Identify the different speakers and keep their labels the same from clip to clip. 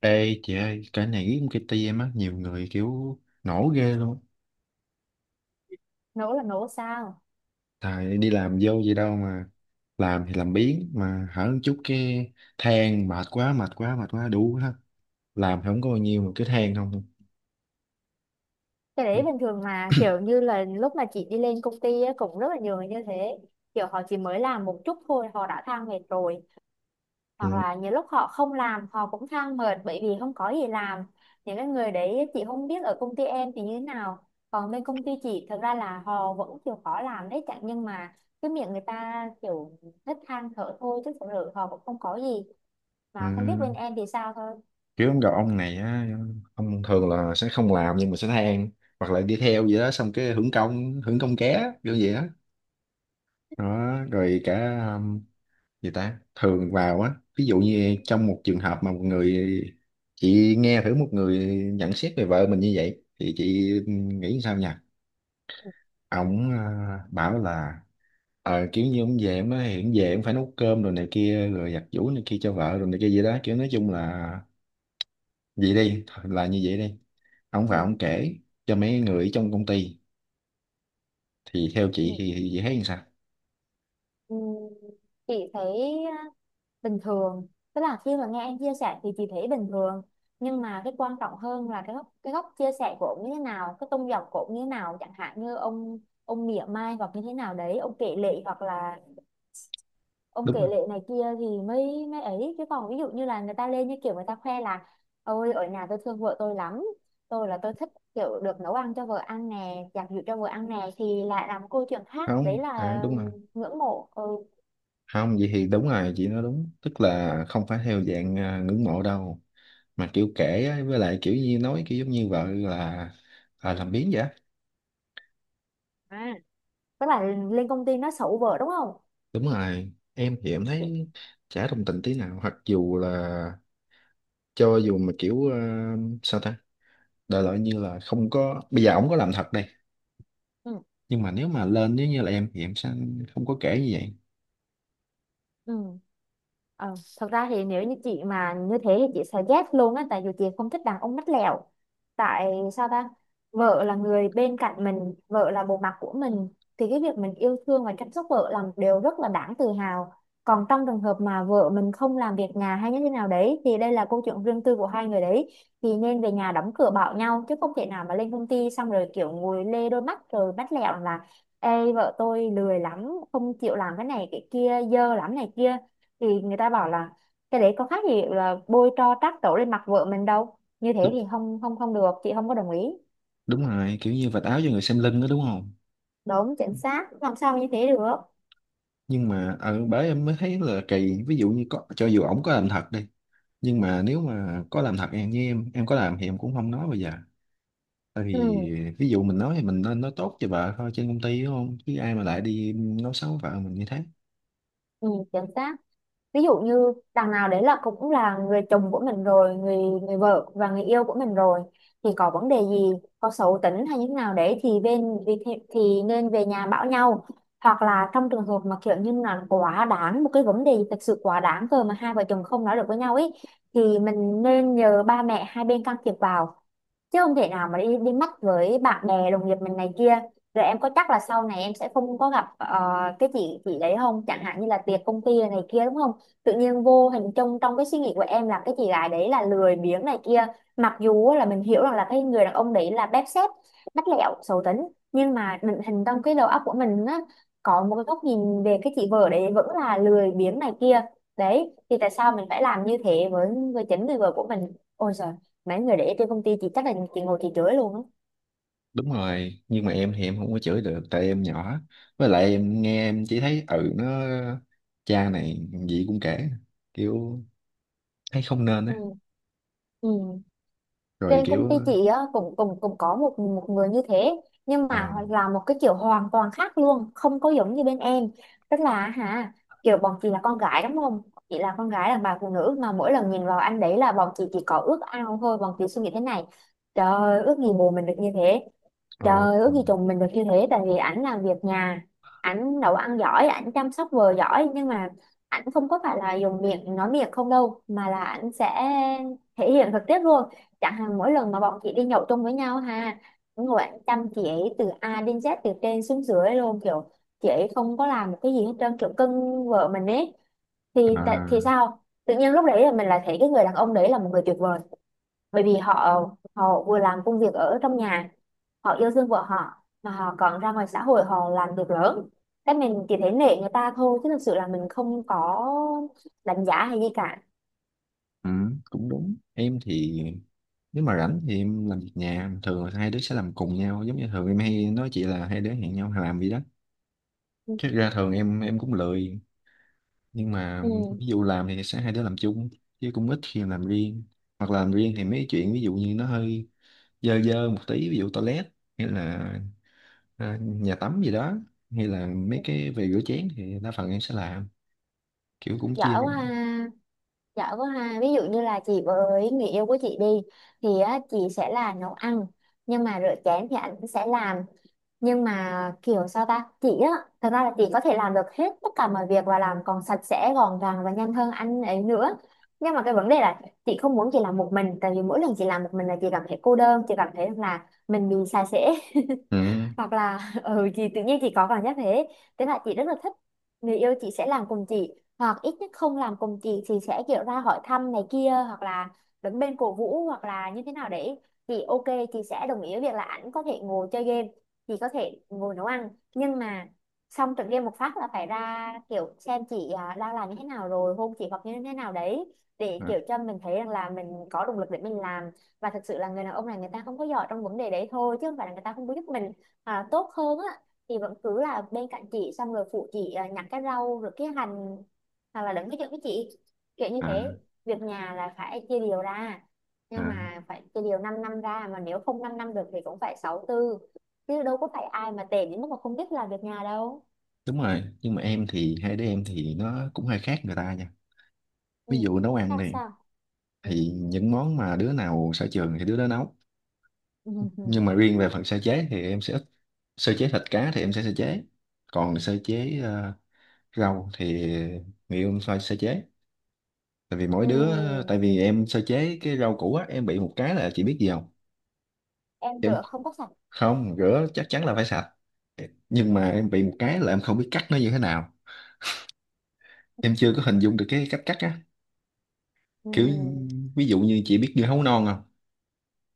Speaker 1: Ê chị ơi, cái này riêng cái công ty em á, nhiều người kiểu nổ ghê luôn.
Speaker 2: Nấu là nấu sao?
Speaker 1: Tại đi làm vô vậy đâu mà làm thì làm biếng, mà hở một chút cái than mệt quá đủ hết. Làm thì không có bao nhiêu mà cứ than không thôi.
Speaker 2: Cái đấy
Speaker 1: Nó-
Speaker 2: bình thường mà, kiểu như là lúc mà chị đi lên công ty á, cũng rất là nhiều người như thế. Kiểu họ chỉ mới làm một chút thôi họ đã than mệt rồi, hoặc
Speaker 1: Ừ.
Speaker 2: là nhiều lúc họ không làm họ cũng than mệt bởi vì không có gì làm. Những cái người đấy chị không biết ở công ty em thì như thế nào, còn bên công ty chị thực ra là họ vẫn chịu khó làm đấy chẳng, nhưng mà cái miệng người ta kiểu thích than thở thôi chứ thực sự họ cũng không có gì.
Speaker 1: Ừ.
Speaker 2: Mà không biết bên em thì sao thôi.
Speaker 1: Kiểu ông gặp ông này á, ông thường là sẽ không làm nhưng mà sẽ than, hoặc là đi theo vậy đó, xong cái hưởng công, hưởng công ké kiểu vậy đó. Đó, rồi cả gì ta thường vào á, ví dụ như trong một trường hợp mà một người, chị nghe thử, một người nhận xét về vợ mình như vậy thì chị nghĩ sao nhỉ?
Speaker 2: Ừ.
Speaker 1: Ổng à, bảo là ờ kiểu như ông về ông nói hiện về ông phải nấu cơm rồi này kia, rồi giặt giũ này kia cho vợ rồi này kia gì đó, kiểu nói chung là vậy đi, là như vậy đi, ông vào
Speaker 2: Ừ.
Speaker 1: ông kể cho mấy người ở trong công ty, thì theo
Speaker 2: Ừ.
Speaker 1: chị thì chị thấy như sao?
Speaker 2: Ừ, chị thấy á, bình thường, tức là khi mà nghe em chia sẻ thì chị thấy bình thường. Nhưng mà cái quan trọng hơn là cái góc, cái góc chia sẻ của ông như thế nào, cái tông dòng của ông như thế nào, chẳng hạn như ông mỉa mai hoặc như thế nào đấy, ông kể lể, hoặc là ông
Speaker 1: Đúng
Speaker 2: kể
Speaker 1: rồi.
Speaker 2: lể này kia thì mới mới ấy. Chứ còn ví dụ như là người ta lên như kiểu người ta khoe là ôi ở nhà tôi thương vợ tôi lắm, tôi là tôi thích kiểu được nấu ăn cho vợ ăn nè, giặt giũ cho vợ ăn nè, thì lại làm câu chuyện khác đấy,
Speaker 1: Không à,
Speaker 2: là
Speaker 1: đúng rồi,
Speaker 2: ngưỡng mộ. Ừ.
Speaker 1: không vậy thì đúng rồi, chị nói đúng, tức là không phải theo dạng à, ngưỡng mộ đâu, mà kiểu kể á, với lại kiểu như nói kiểu giống như vợ là à, làm biếng vậy á.
Speaker 2: Tức là lên công ty nó sụ vợ đúng không?
Speaker 1: Đúng rồi, em thì em
Speaker 2: Chị-
Speaker 1: thấy chả đồng tình tí nào, hoặc dù là, cho dù mà kiểu à, sao ta, đại loại như là không có, bây giờ ổng có làm thật đây
Speaker 2: ừ.
Speaker 1: nhưng mà nếu mà lên, nếu như là em thì em sẽ không có kể như vậy.
Speaker 2: Ừ. Ờ, thật ra thì nếu như chị mà như thế thì chị sẽ ghét luôn á, tại vì chị không thích đàn ông mắt lẹo. Tại sao ta? Vợ là người bên cạnh mình, vợ là bộ mặt của mình, thì cái việc mình yêu thương và chăm sóc vợ là một điều rất là đáng tự hào. Còn trong trường hợp mà vợ mình không làm việc nhà hay như thế nào đấy thì đây là câu chuyện riêng tư của hai người đấy, thì nên về nhà đóng cửa bảo nhau, chứ không thể nào mà lên công ty xong rồi kiểu ngồi lê đôi mắt rồi bắt lẹo là ê vợ tôi lười lắm, không chịu làm cái này cái kia, dơ lắm này kia, thì người ta bảo là cái đấy có khác gì là bôi tro trát tổ lên mặt vợ mình đâu. Như thế
Speaker 1: Đúng,
Speaker 2: thì không, không, không được, chị không có đồng ý.
Speaker 1: đúng rồi, kiểu như vạch áo cho người xem lưng đó, đúng không?
Speaker 2: Đúng, chính xác, làm sao như thế được.
Speaker 1: Nhưng mà ở bởi em mới thấy là kỳ, ví dụ như có, cho dù ổng có làm thật đi, nhưng mà nếu mà có làm thật, em như em có làm thì em cũng không nói. Bây giờ tại vì
Speaker 2: Ừ.
Speaker 1: ví dụ mình nói thì mình nên nói tốt cho vợ thôi trên công ty, đúng không, chứ ai mà lại đi nói xấu vợ mình như thế.
Speaker 2: Ừ, chính xác. Ví dụ như đằng nào đấy là cũng là người chồng của mình rồi, người người vợ và người yêu của mình rồi, thì có vấn đề gì, có xấu tính hay như thế nào đấy thì bên thì nên về nhà bảo nhau. Hoặc là trong trường hợp mà kiểu như là quá đáng một cái vấn đề gì thật sự quá đáng cơ, mà hai vợ chồng không nói được với nhau ấy, thì mình nên nhờ ba mẹ hai bên can thiệp vào, chứ không thể nào mà đi đi mắt với bạn bè đồng nghiệp mình này kia. Rồi em có chắc là sau này em sẽ không có gặp cái chị đấy không, chẳng hạn như là tiệc công ty này kia đúng không? Tự nhiên vô hình trong trong cái suy nghĩ của em là cái chị gái đấy là lười biếng này kia, mặc dù là mình hiểu rằng là cái người đàn ông đấy là bép xép, bắt lẹo xấu tính, nhưng mà định hình trong cái đầu óc của mình á, có một cái góc nhìn về cái chị vợ đấy vẫn là lười biếng này kia. Đấy thì tại sao mình phải làm như thế với chính người vợ của mình. Ôi trời, mấy người để trên công ty chị chắc là chị ngồi chị chửi luôn á.
Speaker 1: Đúng rồi, nhưng mà em thì em không có chửi được tại em nhỏ. Với lại em nghe, em chỉ thấy ừ, nó cha này gì cũng kể, kiểu thấy không nên á.
Speaker 2: Ừ. Ừ.
Speaker 1: Rồi
Speaker 2: Trên
Speaker 1: kiểu
Speaker 2: công ty chị á cũng cũng cũng có một một người như thế, nhưng
Speaker 1: ờ,
Speaker 2: mà là một cái kiểu hoàn toàn khác luôn, không có giống như bên em. Tức là hả, kiểu bọn chị là con gái đúng không? Chị là con gái, là bà phụ nữ, mà mỗi lần nhìn vào anh đấy là bọn chị chỉ có ước ao thôi. Bọn chị suy nghĩ thế này, trời ơi, ước gì bồ mình được như thế.
Speaker 1: ờ,
Speaker 2: Trời, ước gì chồng mình được như thế. Tại vì ảnh làm việc nhà, ảnh nấu ăn giỏi, ảnh chăm sóc vợ giỏi, nhưng mà ảnh không có phải là dùng miệng nói miệng không đâu, mà là ảnh sẽ thể hiện thực tiết luôn. Chẳng hạn mỗi lần mà bọn chị đi nhậu chung với nhau ha, ngồi ảnh chăm chị ấy từ A đến Z, từ trên xuống dưới luôn, kiểu chị ấy không có làm một cái gì hết trơn, kiểu cưng vợ mình ấy.
Speaker 1: ờ, à,
Speaker 2: Thì sao tự nhiên lúc đấy là mình lại thấy cái người đàn ông đấy là một người tuyệt vời. Bởi vì họ họ vừa làm công việc ở trong nhà, họ yêu thương vợ họ, mà họ còn ra ngoài xã hội họ làm việc lớn, cái mình chỉ thấy nể người ta thôi, chứ thực sự là mình không có đánh giá hay gì cả.
Speaker 1: ừ, cũng đúng. Em thì nếu mà rảnh thì em làm việc nhà, thường là hai đứa sẽ làm cùng nhau, giống như thường em hay nói chị là hai đứa hẹn nhau làm gì đó.
Speaker 2: Ừ.
Speaker 1: Chứ ra thường em cũng lười, nhưng mà
Speaker 2: Ừ.
Speaker 1: ví dụ làm thì sẽ hai đứa làm chung, chứ cũng ít khi làm riêng. Hoặc là làm riêng thì mấy chuyện ví dụ như nó hơi dơ dơ một tí, ví dụ toilet hay là à, nhà tắm gì đó, hay là mấy cái về rửa chén thì đa phần em sẽ làm, kiểu cũng chia
Speaker 2: Giỏi
Speaker 1: ra.
Speaker 2: quá ha. Giỏi quá ha, ví dụ như là chị với người yêu của chị đi, thì á, chị sẽ là nấu ăn, nhưng mà rửa chén thì anh sẽ làm. Nhưng mà kiểu sao ta chị á, thật ra là chị có thể làm được hết tất cả mọi việc, và làm còn sạch sẽ gọn gàng và nhanh hơn anh ấy nữa. Nhưng mà cái vấn đề là chị không muốn chị làm một mình, tại vì mỗi lần chị làm một mình là chị cảm thấy cô đơn, chị cảm thấy là mình bị xa xỉ.
Speaker 1: Ừ.
Speaker 2: Hoặc là ừ, chị tự nhiên chị có cảm giác thế. Thế là chị rất là thích người yêu chị sẽ làm cùng chị, hoặc ít nhất không làm cùng chị thì sẽ kiểu ra hỏi thăm này kia, hoặc là đứng bên cổ vũ, hoặc là như thế nào, để chị ok. Chị sẽ đồng ý với việc là ảnh có thể ngồi chơi game, chị có thể ngồi nấu ăn, nhưng mà xong trận game một phát là phải ra kiểu xem chị à, đang làm như thế nào, rồi hôn chị hoặc như thế nào đấy, để
Speaker 1: À,
Speaker 2: kiểu cho mình thấy rằng là mình có động lực để mình làm. Và thực sự là người đàn ông này người ta không có giỏi trong vấn đề đấy thôi, chứ không phải là người ta không có giúp mình. À, tốt hơn á, thì vẫn cứ là bên cạnh chị xong rồi phụ chị à, nhặt cái rau rồi cái hành, hoặc là đựng cái chuyện với chị, kiểu như
Speaker 1: à,
Speaker 2: thế. Việc nhà là phải chia đều ra, nhưng
Speaker 1: à.
Speaker 2: mà phải chia đều 5 năm năm ra, mà nếu không 5 năm năm được thì cũng phải 6 tư. Chứ đâu có phải ai mà tệ đến mức mà không biết làm việc nhà đâu.
Speaker 1: Đúng rồi, nhưng mà em thì hai đứa em thì nó cũng hơi khác người ta nha. Ví
Speaker 2: Ừ.
Speaker 1: dụ nấu ăn
Speaker 2: Khác
Speaker 1: này,
Speaker 2: sao? Ừ.
Speaker 1: thì những món mà đứa nào sở trường thì đứa đó nấu. Nhưng mà riêng về phần sơ chế thì em sẽ ít. Sơ chế thịt cá thì em sẽ sơ chế. Còn sơ chế rau thì người yêu em phải sơ chế. Tại vì mỗi
Speaker 2: Ừ.
Speaker 1: đứa,
Speaker 2: Ừ.
Speaker 1: tại vì em sơ chế cái rau củ á, em bị một cái là chị biết gì không?
Speaker 2: Em
Speaker 1: Em
Speaker 2: rửa không có sạch.
Speaker 1: không, rửa chắc chắn là phải sạch. Nhưng mà em bị một cái là em không biết cắt nó như thế nào. Em chưa có hình dung được cái cách cắt á.
Speaker 2: Ừ.
Speaker 1: Kiểu ví dụ như chị biết dưa hấu non không?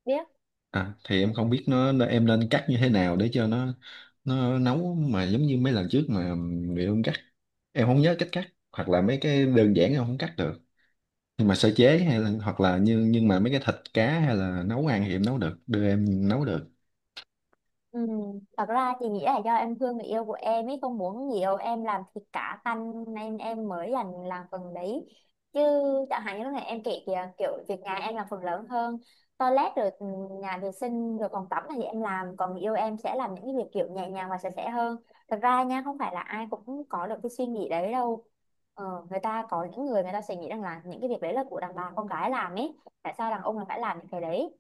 Speaker 2: Biết.
Speaker 1: À thì em không biết em nên cắt như thế nào để cho nó nấu, mà giống như mấy lần trước mà bị em cắt, em không nhớ cách cắt, hoặc là mấy cái đơn giản em không cắt được. Nhưng mà sơ chế hay là hoặc là như, nhưng mà mấy cái thịt cá hay là nấu ăn thì em nấu được, đưa em nấu được.
Speaker 2: Ừ. Thật ra chị nghĩ là do em thương người yêu của em ấy, không muốn nhiều em làm thịt cá tanh, nên em mới làm phần đấy. Chứ chẳng hạn như lúc này em kể kìa, kiểu việc nhà em làm phần lớn hơn, toilet rồi ừ, nhà vệ sinh rồi phòng tắm là gì em làm, còn người yêu em sẽ làm những cái việc kiểu nhẹ nhàng và sạch sẽ hơn. Thật ra nha, không phải là ai cũng có được cái suy nghĩ đấy đâu. Ờ, người ta có những người người ta sẽ nghĩ rằng là những cái việc đấy là của đàn bà con gái làm ấy, tại sao đàn ông là phải làm những cái đấy.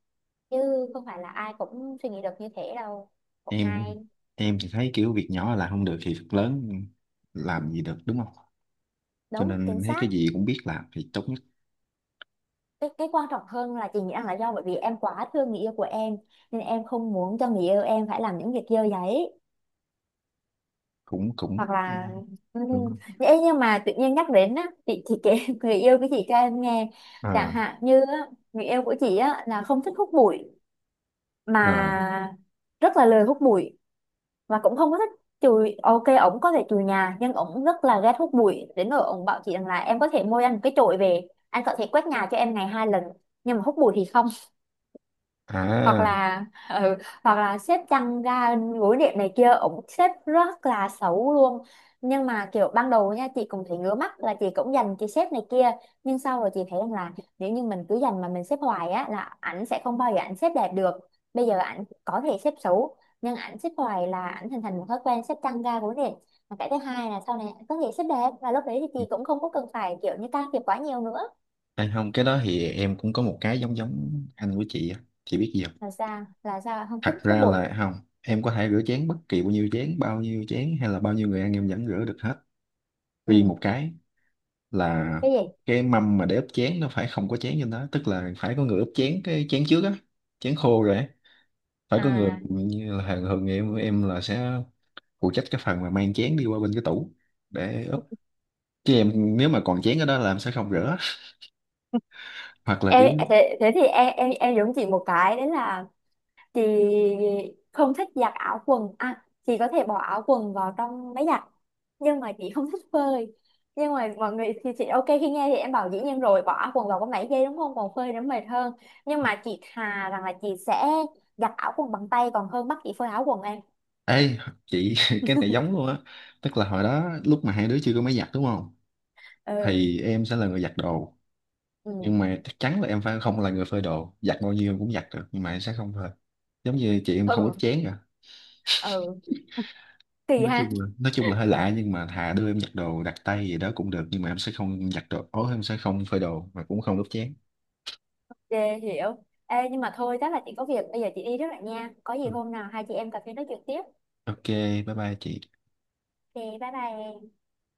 Speaker 2: Chứ không phải là ai cũng suy nghĩ được như thế đâu.
Speaker 1: em
Speaker 2: Hay.
Speaker 1: em thì thấy kiểu việc nhỏ là không được thì việc lớn làm gì được, đúng không? Cho
Speaker 2: Đúng,
Speaker 1: nên
Speaker 2: chính
Speaker 1: em thấy
Speaker 2: xác.
Speaker 1: cái gì cũng biết làm thì tốt nhất.
Speaker 2: Cái quan trọng hơn là chị nghĩ rằng là do bởi vì em quá thương người yêu của em, nên em không muốn cho người yêu em phải làm những việc dơ giấy,
Speaker 1: Cũng cũng
Speaker 2: hoặc là ừ.
Speaker 1: đúng không?
Speaker 2: Ê, nhưng mà tự nhiên nhắc đến á, chị kể người yêu của chị cho em nghe. Chẳng
Speaker 1: À,
Speaker 2: hạn như á, người yêu của chị á là không thích hút bụi
Speaker 1: à,
Speaker 2: mà, rất là lười hút bụi, và cũng không có thích chùi. Ok, ổng có thể chùi nhà, nhưng ổng rất là ghét hút bụi, đến nỗi ổng bảo chị rằng là em có thể mua anh một cái chổi về, anh có thể quét nhà cho em ngày hai lần, nhưng mà hút bụi thì không. Hoặc
Speaker 1: à.
Speaker 2: là ừ, hoặc là xếp chăn ga gối đệm này kia, ổng xếp rất là xấu luôn. Nhưng mà kiểu ban đầu nha, chị cũng thấy ngứa mắt là chị cũng dành cái xếp này kia. Nhưng sau rồi chị thấy rằng là nếu như mình cứ dành mà mình xếp hoài á là ảnh sẽ không bao giờ ảnh xếp đẹp được. Bây giờ ảnh có thể xếp xấu, nhưng ảnh xếp hoài là ảnh hình thành một thói quen xếp chăn ga gối đệm. Và cái thứ hai là sau này ảnh có thể xếp đẹp, và lúc đấy thì chị cũng không có cần phải kiểu như can thiệp quá nhiều nữa.
Speaker 1: Hay không, cái đó thì em cũng có một cái giống giống anh của chị á. Chị biết gì không?
Speaker 2: Là sao, là sao, không thích
Speaker 1: Thật
Speaker 2: thuốc
Speaker 1: ra
Speaker 2: bụi?
Speaker 1: là không, em có thể rửa chén bất kỳ bao nhiêu chén hay là bao nhiêu người ăn em vẫn rửa được hết. Riêng
Speaker 2: Ừ.
Speaker 1: một cái là
Speaker 2: Cái gì?
Speaker 1: cái mâm mà để ướp chén nó phải không có chén trên đó, tức là phải có người ướp chén, cái chén trước á, chén khô rồi á. Phải có người,
Speaker 2: À,
Speaker 1: như là hàng thường em là sẽ phụ trách cái phần mà mang chén đi qua bên cái tủ để ướp. Chứ em nếu mà còn chén ở đó là em sẽ không rửa. Hoặc là kiểu
Speaker 2: em thế thì em giống chị một cái đấy là chị không thích giặt áo quần à. Chị có thể bỏ áo quần vào trong máy giặt, nhưng mà chị không thích phơi. Nhưng mà mọi người thì chị ok, khi nghe thì em bảo dĩ nhiên rồi, bỏ áo quần vào có máy giây đúng không, còn phơi nó mệt hơn. Nhưng mà chị thà rằng là chị sẽ giặt áo quần bằng tay, còn hơn bắt chị phơi áo quần em.
Speaker 1: Ê, chị cái này giống luôn á, tức là hồi đó lúc mà hai đứa chưa có máy giặt đúng không,
Speaker 2: Ừ.
Speaker 1: thì em sẽ là người giặt đồ,
Speaker 2: Ừ.
Speaker 1: nhưng mà chắc chắn là em phải không là người phơi đồ. Giặt bao nhiêu em cũng giặt được nhưng mà em sẽ không phơi, giống như chị, em không
Speaker 2: Ừ,
Speaker 1: ướp chén cả.
Speaker 2: ừ. Kỳ
Speaker 1: Nói
Speaker 2: ha.
Speaker 1: chung là, nói chung là hơi lạ, nhưng mà thà đưa em giặt đồ đặt tay gì đó cũng được, nhưng mà em sẽ không giặt đồ ố, em sẽ không phơi đồ mà cũng không ướp chén.
Speaker 2: Dê, hiểu. Ê, nhưng mà thôi chắc là chị có việc, bây giờ chị đi trước lại nha, có gì
Speaker 1: Ừ,
Speaker 2: hôm nào hai chị em cà phê nói chuyện tiếp.
Speaker 1: ok, bye bye chị.
Speaker 2: Thì bye bye em.